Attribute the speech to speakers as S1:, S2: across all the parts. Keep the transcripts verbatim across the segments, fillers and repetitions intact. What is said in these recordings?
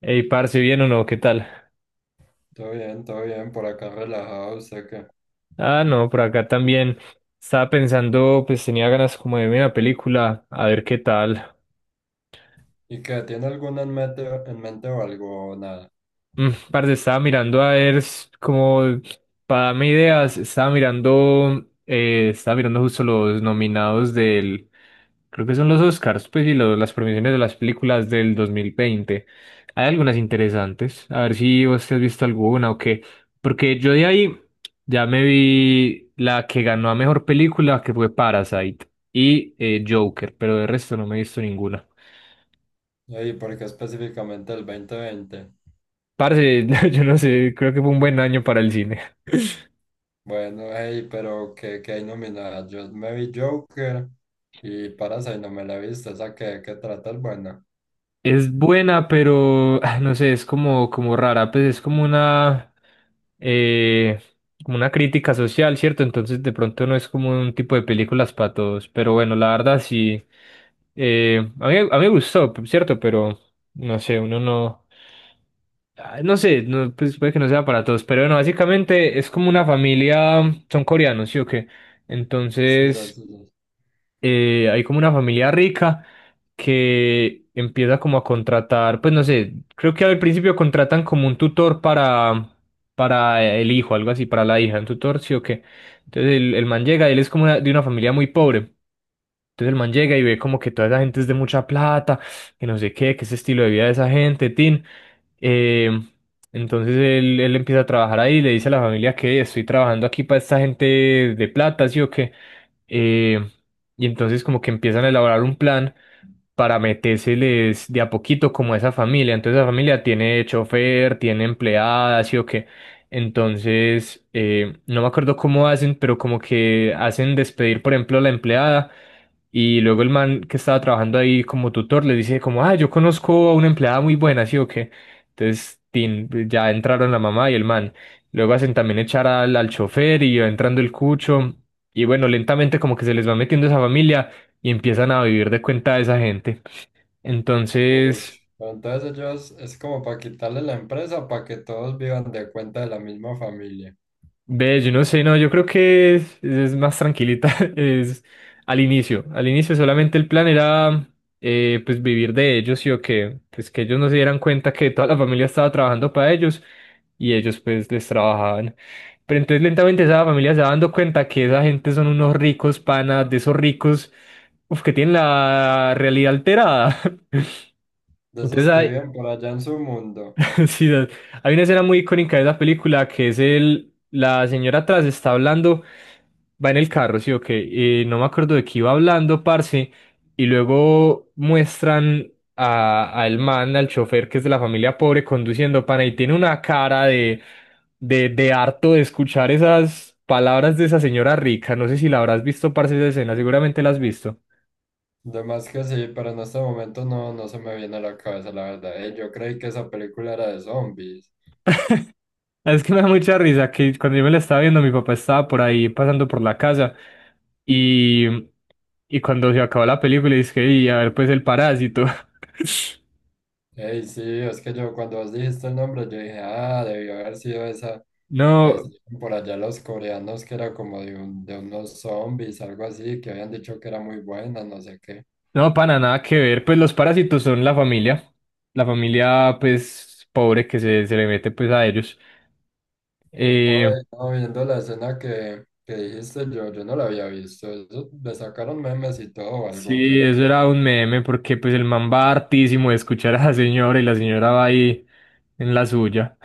S1: Ey, parce, ¿bien o no? ¿Qué tal?
S2: Todo bien, todo bien, por acá relajado, sé que.
S1: Ah, no, por acá también. Estaba pensando, pues tenía ganas como de ver una película, a ver qué tal.
S2: ¿Y qué? ¿Tiene alguna en mente, en mente o algo o nada?
S1: Mm, parce, estaba mirando a ver, s- como para darme ideas, estaba mirando, eh, estaba mirando justo los nominados del, creo que son los Oscars, pues, y lo- las premiaciones de las películas del dos mil veinte. Hay algunas interesantes, a ver si vos te has visto alguna o qué, porque yo de ahí ya me vi la que ganó a mejor película, que fue Parasite, y eh, Joker, pero de resto no me he visto ninguna.
S2: Ey, ¿por qué específicamente el dos mil veinte?
S1: Parce, yo no sé, creo que fue un buen año para el cine.
S2: Bueno, hey, pero ¿qué, qué hay nominada? Yo me vi Joker y Parasite no me la he visto, esa que, que trata el bueno.
S1: Es buena, pero ah, no sé, es como, como rara, pues es como una, eh, como una crítica social, ¿cierto? Entonces de pronto no es como un tipo de películas para todos, pero bueno, la verdad sí, eh, a mí, a mí me gustó, ¿cierto? Pero no sé, uno no, ah, no sé, no, pues puede que no sea para todos, pero bueno, básicamente es como una familia, son coreanos, ¿sí o qué?
S2: Sí, sí,
S1: Entonces
S2: sí. sí.
S1: eh, hay como una familia rica que empieza como a contratar, pues no sé, creo que al principio contratan como un tutor para, para el hijo, algo así, para la hija, un tutor, sí o qué. Entonces el, el man llega, él es como una- de una familia muy pobre. Entonces el man llega y ve como que toda esa gente es de mucha plata, que no sé qué, que ese estilo de vida de esa gente, tin. Eh, entonces él, él empieza a trabajar ahí y le dice a la familia que estoy trabajando aquí para esta gente de plata, sí o qué. Eh, y entonces como que empiezan a elaborar un plan para metérseles de a poquito como a esa familia. Entonces la familia tiene chofer, tiene empleadas y o qué. Entonces, eh, no me acuerdo cómo hacen, pero como que hacen despedir, por ejemplo, a la empleada y luego el man que estaba trabajando ahí como tutor le dice como, ah, yo conozco a una empleada muy buena, ¿sí o qué? Entonces, tin, ya entraron la mamá y el man. Luego hacen también echar al, al chofer y va entrando el cucho. Y bueno, lentamente como que se les va metiendo esa familia y empiezan a vivir de cuenta de esa gente.
S2: Uy,
S1: Entonces...
S2: pero entonces ellos es como para quitarle la empresa para que todos vivan de cuenta de la misma familia.
S1: Ve, yo no sé, no, yo creo que es, es más tranquilita, es al inicio, al inicio solamente el plan era eh, pues vivir de ellos y o que pues que ellos no se dieran cuenta que toda la familia estaba trabajando para ellos y ellos pues les trabajaban. Pero entonces lentamente esa familia se va dando cuenta que esa gente son unos ricos panas, de esos ricos, uf, que tienen la realidad alterada.
S2: De
S1: Entonces
S2: esos que
S1: ah.
S2: viven por allá en su mundo.
S1: Sí, da- hay una escena muy icónica de esa película que es el, la señora atrás está hablando, va en el carro, sí, ok, y no me acuerdo de qué iba hablando, parce, y luego muestran a, al man, al chofer que es de la familia pobre conduciendo, pana, y tiene una cara de, de, de harto de escuchar esas palabras de esa señora rica, no sé si la habrás visto, parce, esa escena, seguramente la has visto.
S2: De que sí, pero en este momento no, no se me viene a la cabeza, la verdad. Ey, yo creí que esa película era de zombies.
S1: Es que me da mucha risa que cuando yo me la estaba viendo, mi papá estaba por ahí pasando por la casa y, y cuando se acabó la película, dije, y a ver, pues el parásito.
S2: Ey, sí, es que yo cuando vos dijiste el nombre, yo dije, ah, debió haber sido esa que
S1: No,
S2: hicieron por allá los coreanos, que era como de, un, de unos zombies, algo así, que habían dicho que era muy buena, no sé qué.
S1: no, pana, nada que ver. Pues los parásitos son la familia, la familia, pues, pobre que se, se le mete, pues, a ellos. Eh,
S2: Oye, no, viendo la escena que, que dijiste, yo, yo no la había visto. Eso, le sacaron memes y todo, o algo
S1: sí,
S2: que.
S1: eso era un meme porque, pues, el man va hartísimo de escuchar a la señora y la señora va ahí en la suya.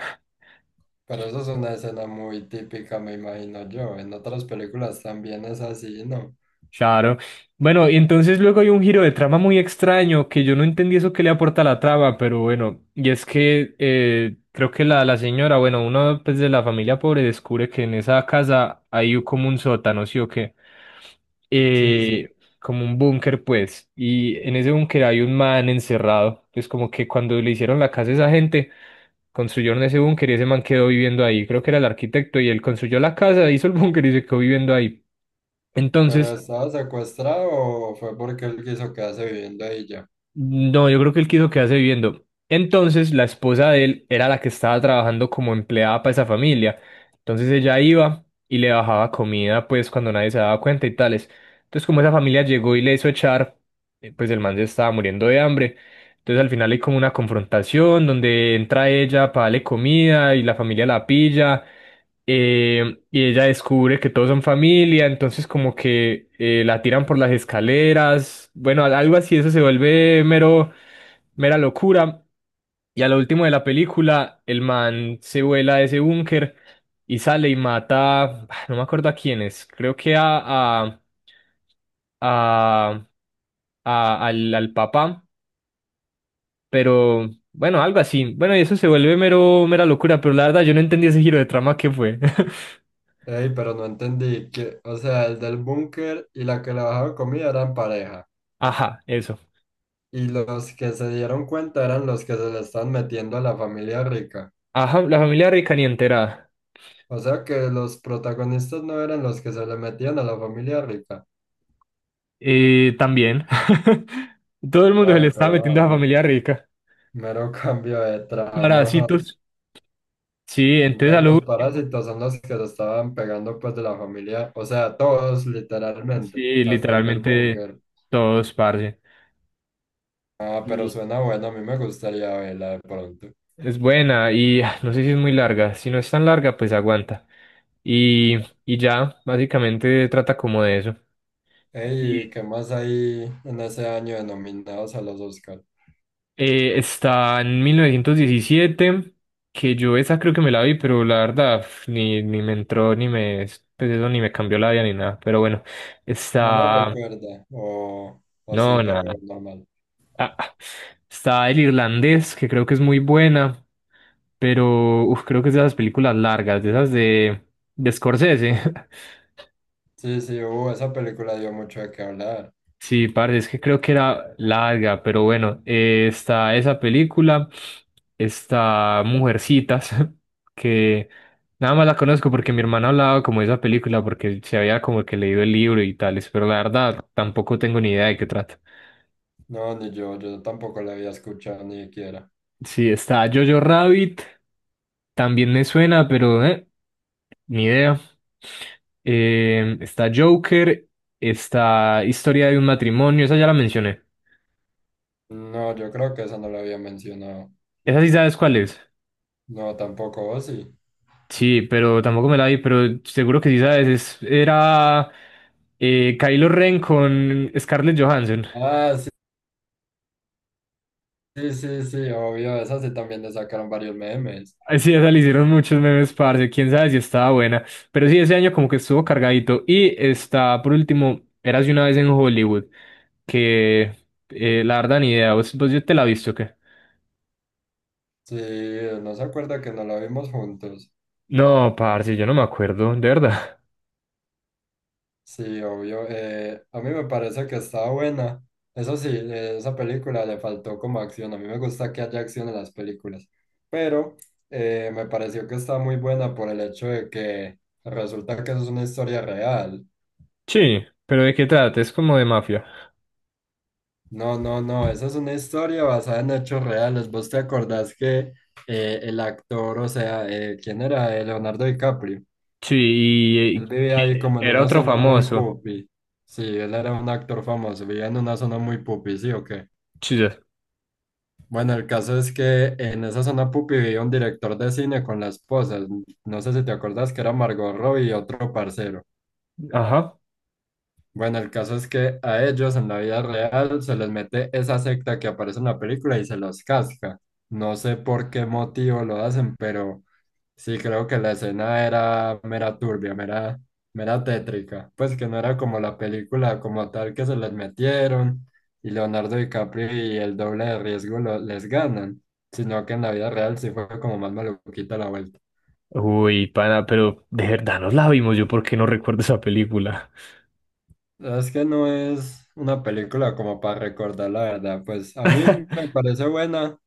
S2: Pero eso es una escena muy típica, me imagino yo. En otras películas también es así, ¿no?
S1: Claro. Bueno, y entonces luego hay un giro de trama muy extraño que yo no entendí eso que le aporta a la trama, pero bueno, y es que eh, creo que la, la señora, bueno, uno pues, de la familia pobre descubre que en esa casa hay como un sótano, ¿sí o qué?
S2: Sí, sí.
S1: Eh, como un búnker, pues, y en ese búnker hay un man encerrado, pues como que cuando le hicieron la casa a esa gente, construyeron ese búnker y ese man quedó viviendo ahí, creo que era el arquitecto y él construyó la casa, hizo el búnker y se quedó viviendo ahí.
S2: ¿Pero
S1: Entonces...
S2: estaba secuestrado o fue porque él quiso quedarse viviendo ahí ya?
S1: No, yo creo que él quiso quedarse viviendo. Entonces, la esposa de él era la que estaba trabajando como empleada para esa familia. Entonces ella iba y le bajaba comida, pues cuando nadie se daba cuenta y tales. Entonces, como esa familia llegó y le hizo echar, eh, pues el man se estaba muriendo de hambre. Entonces, al final hay como una confrontación donde entra ella para darle comida y la familia la pilla, eh, y ella descubre que todos son familia, entonces como que eh, la tiran por las escaleras, bueno, al- algo así, eso se vuelve mero, mera locura. Y a lo último de la película, el man se vuela de ese búnker y sale y mata, ah, no me acuerdo a quién es, creo que a, a, a, a- al, al papá, pero bueno, algo así. Bueno, y eso se vuelve mero, mera locura, pero la verdad yo no entendí ese giro de trama que fue.
S2: Ey, pero no entendí que, o sea, el del búnker y la que le bajaba comida eran pareja.
S1: Ajá, eso.
S2: Y los que se dieron cuenta eran los que se le están metiendo a la familia rica.
S1: Ajá, la familia rica ni enterada.
S2: O sea que los protagonistas no eran los que se le metían a la familia rica.
S1: Eh, también. Todo el mundo se le
S2: Ay,
S1: está
S2: pero
S1: metiendo
S2: ah,
S1: a la
S2: me-
S1: familia rica.
S2: mero cambio de trama. Ajá.
S1: Parásitos. Sí, ente de
S2: Entonces
S1: salud.
S2: los parásitos son los que se estaban pegando pues de la familia, o sea, todos literalmente,
S1: Sí,
S2: hasta el del
S1: literalmente
S2: búnker.
S1: todos, parce.
S2: Ah, pero
S1: Y
S2: suena bueno, a mí me gustaría verla de pronto.
S1: es buena y ah, no sé si es muy larga. Si no es tan larga, pues aguanta. Y, y ya, básicamente trata como de eso.
S2: Ey,
S1: Y
S2: ¿qué más hay en ese año de nominados a los Oscar?
S1: Eh, está en mil novecientos diecisiete, que yo esa creo que me la vi, pero la verdad pf, ni, ni me entró, ni me, pues eso ni me cambió la vida ni nada. Pero bueno,
S2: No la
S1: está,
S2: recuerda, o, o sí,
S1: no,
S2: pero
S1: nada.
S2: normal.
S1: Ah, ah, está El Irlandés, que creo que es muy buena, pero uf, creo que es de esas películas largas, de esas de, de Scorsese.
S2: Sí, sí, uh, esa película dio mucho de qué hablar.
S1: Sí, parce, es que creo que era larga, pero bueno, eh, está esa película, está Mujercitas, que nada más la conozco porque mi hermana hablaba como de esa película, porque se había como que leído el libro y tales, pero la verdad tampoco tengo ni idea de qué trata.
S2: No, ni yo, yo tampoco la había escuchado ni siquiera.
S1: Sí, está Jojo Rabbit, también me suena, pero eh, ni idea. Eh, está Joker, está Historia de un matrimonio, esa ya la mencioné.
S2: No, yo creo que esa no la había mencionado.
S1: Esa sí sabes cuál es.
S2: No, tampoco, o sí.
S1: Sí, pero tampoco me la vi, pero seguro que sí sabes, es- era eh, Kylo Ren con Scarlett Johansson.
S2: Ah, sí, sí, sí, sí, obvio, esa sí también le sacaron varios memes.
S1: Ay, sí, esa le hicieron muchos memes, parce, quién sabe si estaba buena. Pero sí, ese año como que estuvo cargadito. Y está, por último, Érase una vez en Hollywood, que eh, la verdad ni idea, ¿vos, vos ya te la visto o qué?
S2: Sí, no se acuerda que no la vimos juntos.
S1: No, parce, yo no me acuerdo, de verdad.
S2: Sí, obvio. Eh, a mí me parece que está buena. Eso sí, eh, esa película le faltó como acción. A mí me gusta que haya acción en las películas. Pero eh, me pareció que está muy buena por el hecho de que resulta que eso es una historia real.
S1: Sí, pero ¿de qué trata? Es como de mafia.
S2: No, no, no. Esa es una historia basada en hechos reales. ¿Vos te acordás que eh, el actor, o sea, eh, ¿quién era? Eh, Leonardo DiCaprio.
S1: Sí, y,
S2: Él
S1: eh,
S2: vivía ahí
S1: que
S2: como en
S1: era
S2: una
S1: otro
S2: zona muy
S1: famoso.
S2: pupi. Sí, él era un actor famoso. Vivía en una zona muy pupi, ¿sí o qué?
S1: Sí, ya.
S2: Bueno, el caso es que en esa zona pupi vivía un director de cine con la esposa. No sé si te acuerdas que era Margot Robbie y otro parcero.
S1: Ajá.
S2: Bueno, el caso es que a ellos en la vida real se les mete esa secta que aparece en la película y se los casca. No sé por qué motivo lo hacen, pero sí creo que la escena era mera turbia, mera, mera tétrica. Pues que no era como la película como tal que se les metieron y Leonardo DiCaprio y el doble de riesgo lo- les ganan, sino que en la vida real sí fue como más maluquita la vuelta.
S1: Uy, pana, pero de verdad nos la vimos, yo porque no recuerdo esa película.
S2: La verdad es que no es una película como para recordar, la verdad. Pues a mí me parece buena,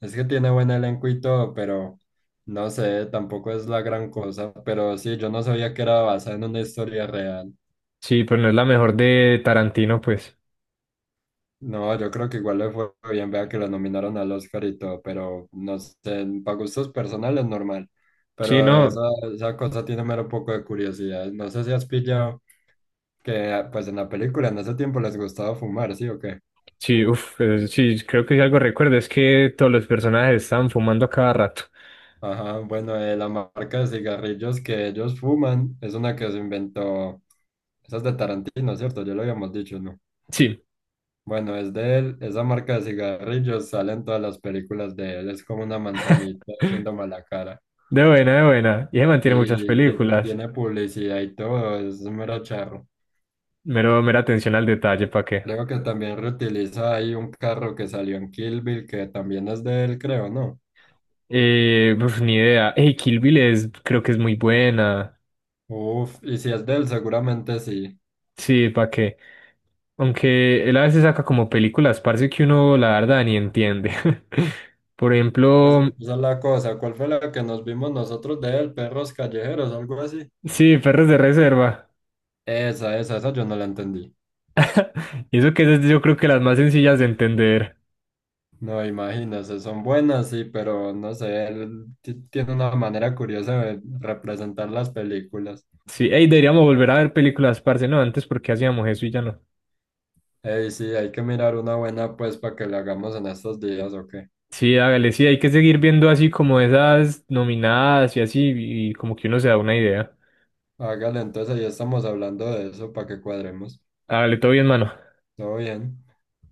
S2: es que tiene buen elenco y todo, pero no sé, tampoco es la gran cosa. Pero sí, yo no sabía que era basada en una historia real.
S1: Sí, pero no es la mejor de Tarantino, pues.
S2: No, yo creo que igual le fue bien, vea que la nominaron al Oscar y todo, pero no sé, para gustos personales normal.
S1: Sí,
S2: Pero esa,
S1: no,
S2: esa cosa tiene mero poco de curiosidad. No sé si has pillado que ah, pues en la película en ese tiempo les gustaba fumar, ¿sí o qué?
S1: sí, uff, sí, creo que si algo recuerdo es que todos los personajes están fumando a cada rato.
S2: Ajá, bueno, eh, la marca de cigarrillos que ellos fuman es una que se inventó, esa es de Tarantino, ¿cierto? Ya lo habíamos dicho, ¿no?
S1: Sí,
S2: Bueno, es de él, esa marca de cigarrillos sale en todas las películas de él, es como una manzanita haciendo mala cara.
S1: de buena, de buena. Y se
S2: Sí.
S1: mantiene muchas
S2: Y, ti- y
S1: películas.
S2: tiene publicidad y todo, es un mero charro.
S1: Mero, mera atención al detalle, ¿para qué?
S2: Creo que también reutiliza ahí un carro que salió en Kill Bill, que también es de él, creo, ¿no?
S1: Eh, uf, ni idea. Hey, Kill Bill es, creo que es muy buena.
S2: Uf, y si es de él, seguramente sí.
S1: Sí, ¿para qué? Aunque él a veces saca como películas, parce, que uno la verdad ni entiende. Por
S2: Es-
S1: ejemplo,
S2: Esa es la cosa. ¿Cuál fue la que nos vimos nosotros de él? Perros callejeros, algo así.
S1: sí, Perros de Reserva.
S2: Esa, esa, esa yo no la entendí.
S1: Y eso que es, yo creo que las más sencillas de entender.
S2: No, imagínese, son buenas, sí, pero no sé, él ti- tiene una manera curiosa de representar las películas.
S1: Sí, ey, deberíamos volver a ver películas, parce, no, antes porque hacíamos eso y ya no.
S2: Ey, sí, hay que mirar una buena, pues, para que la hagamos en estos días, ¿o qué?
S1: Sí, hágale, sí, hay que seguir viendo así como esas nominadas y así, y como que uno se da una idea.
S2: Hágale, entonces ahí estamos hablando de eso para que cuadremos.
S1: Hágale, todo bien, mano.
S2: Todo bien.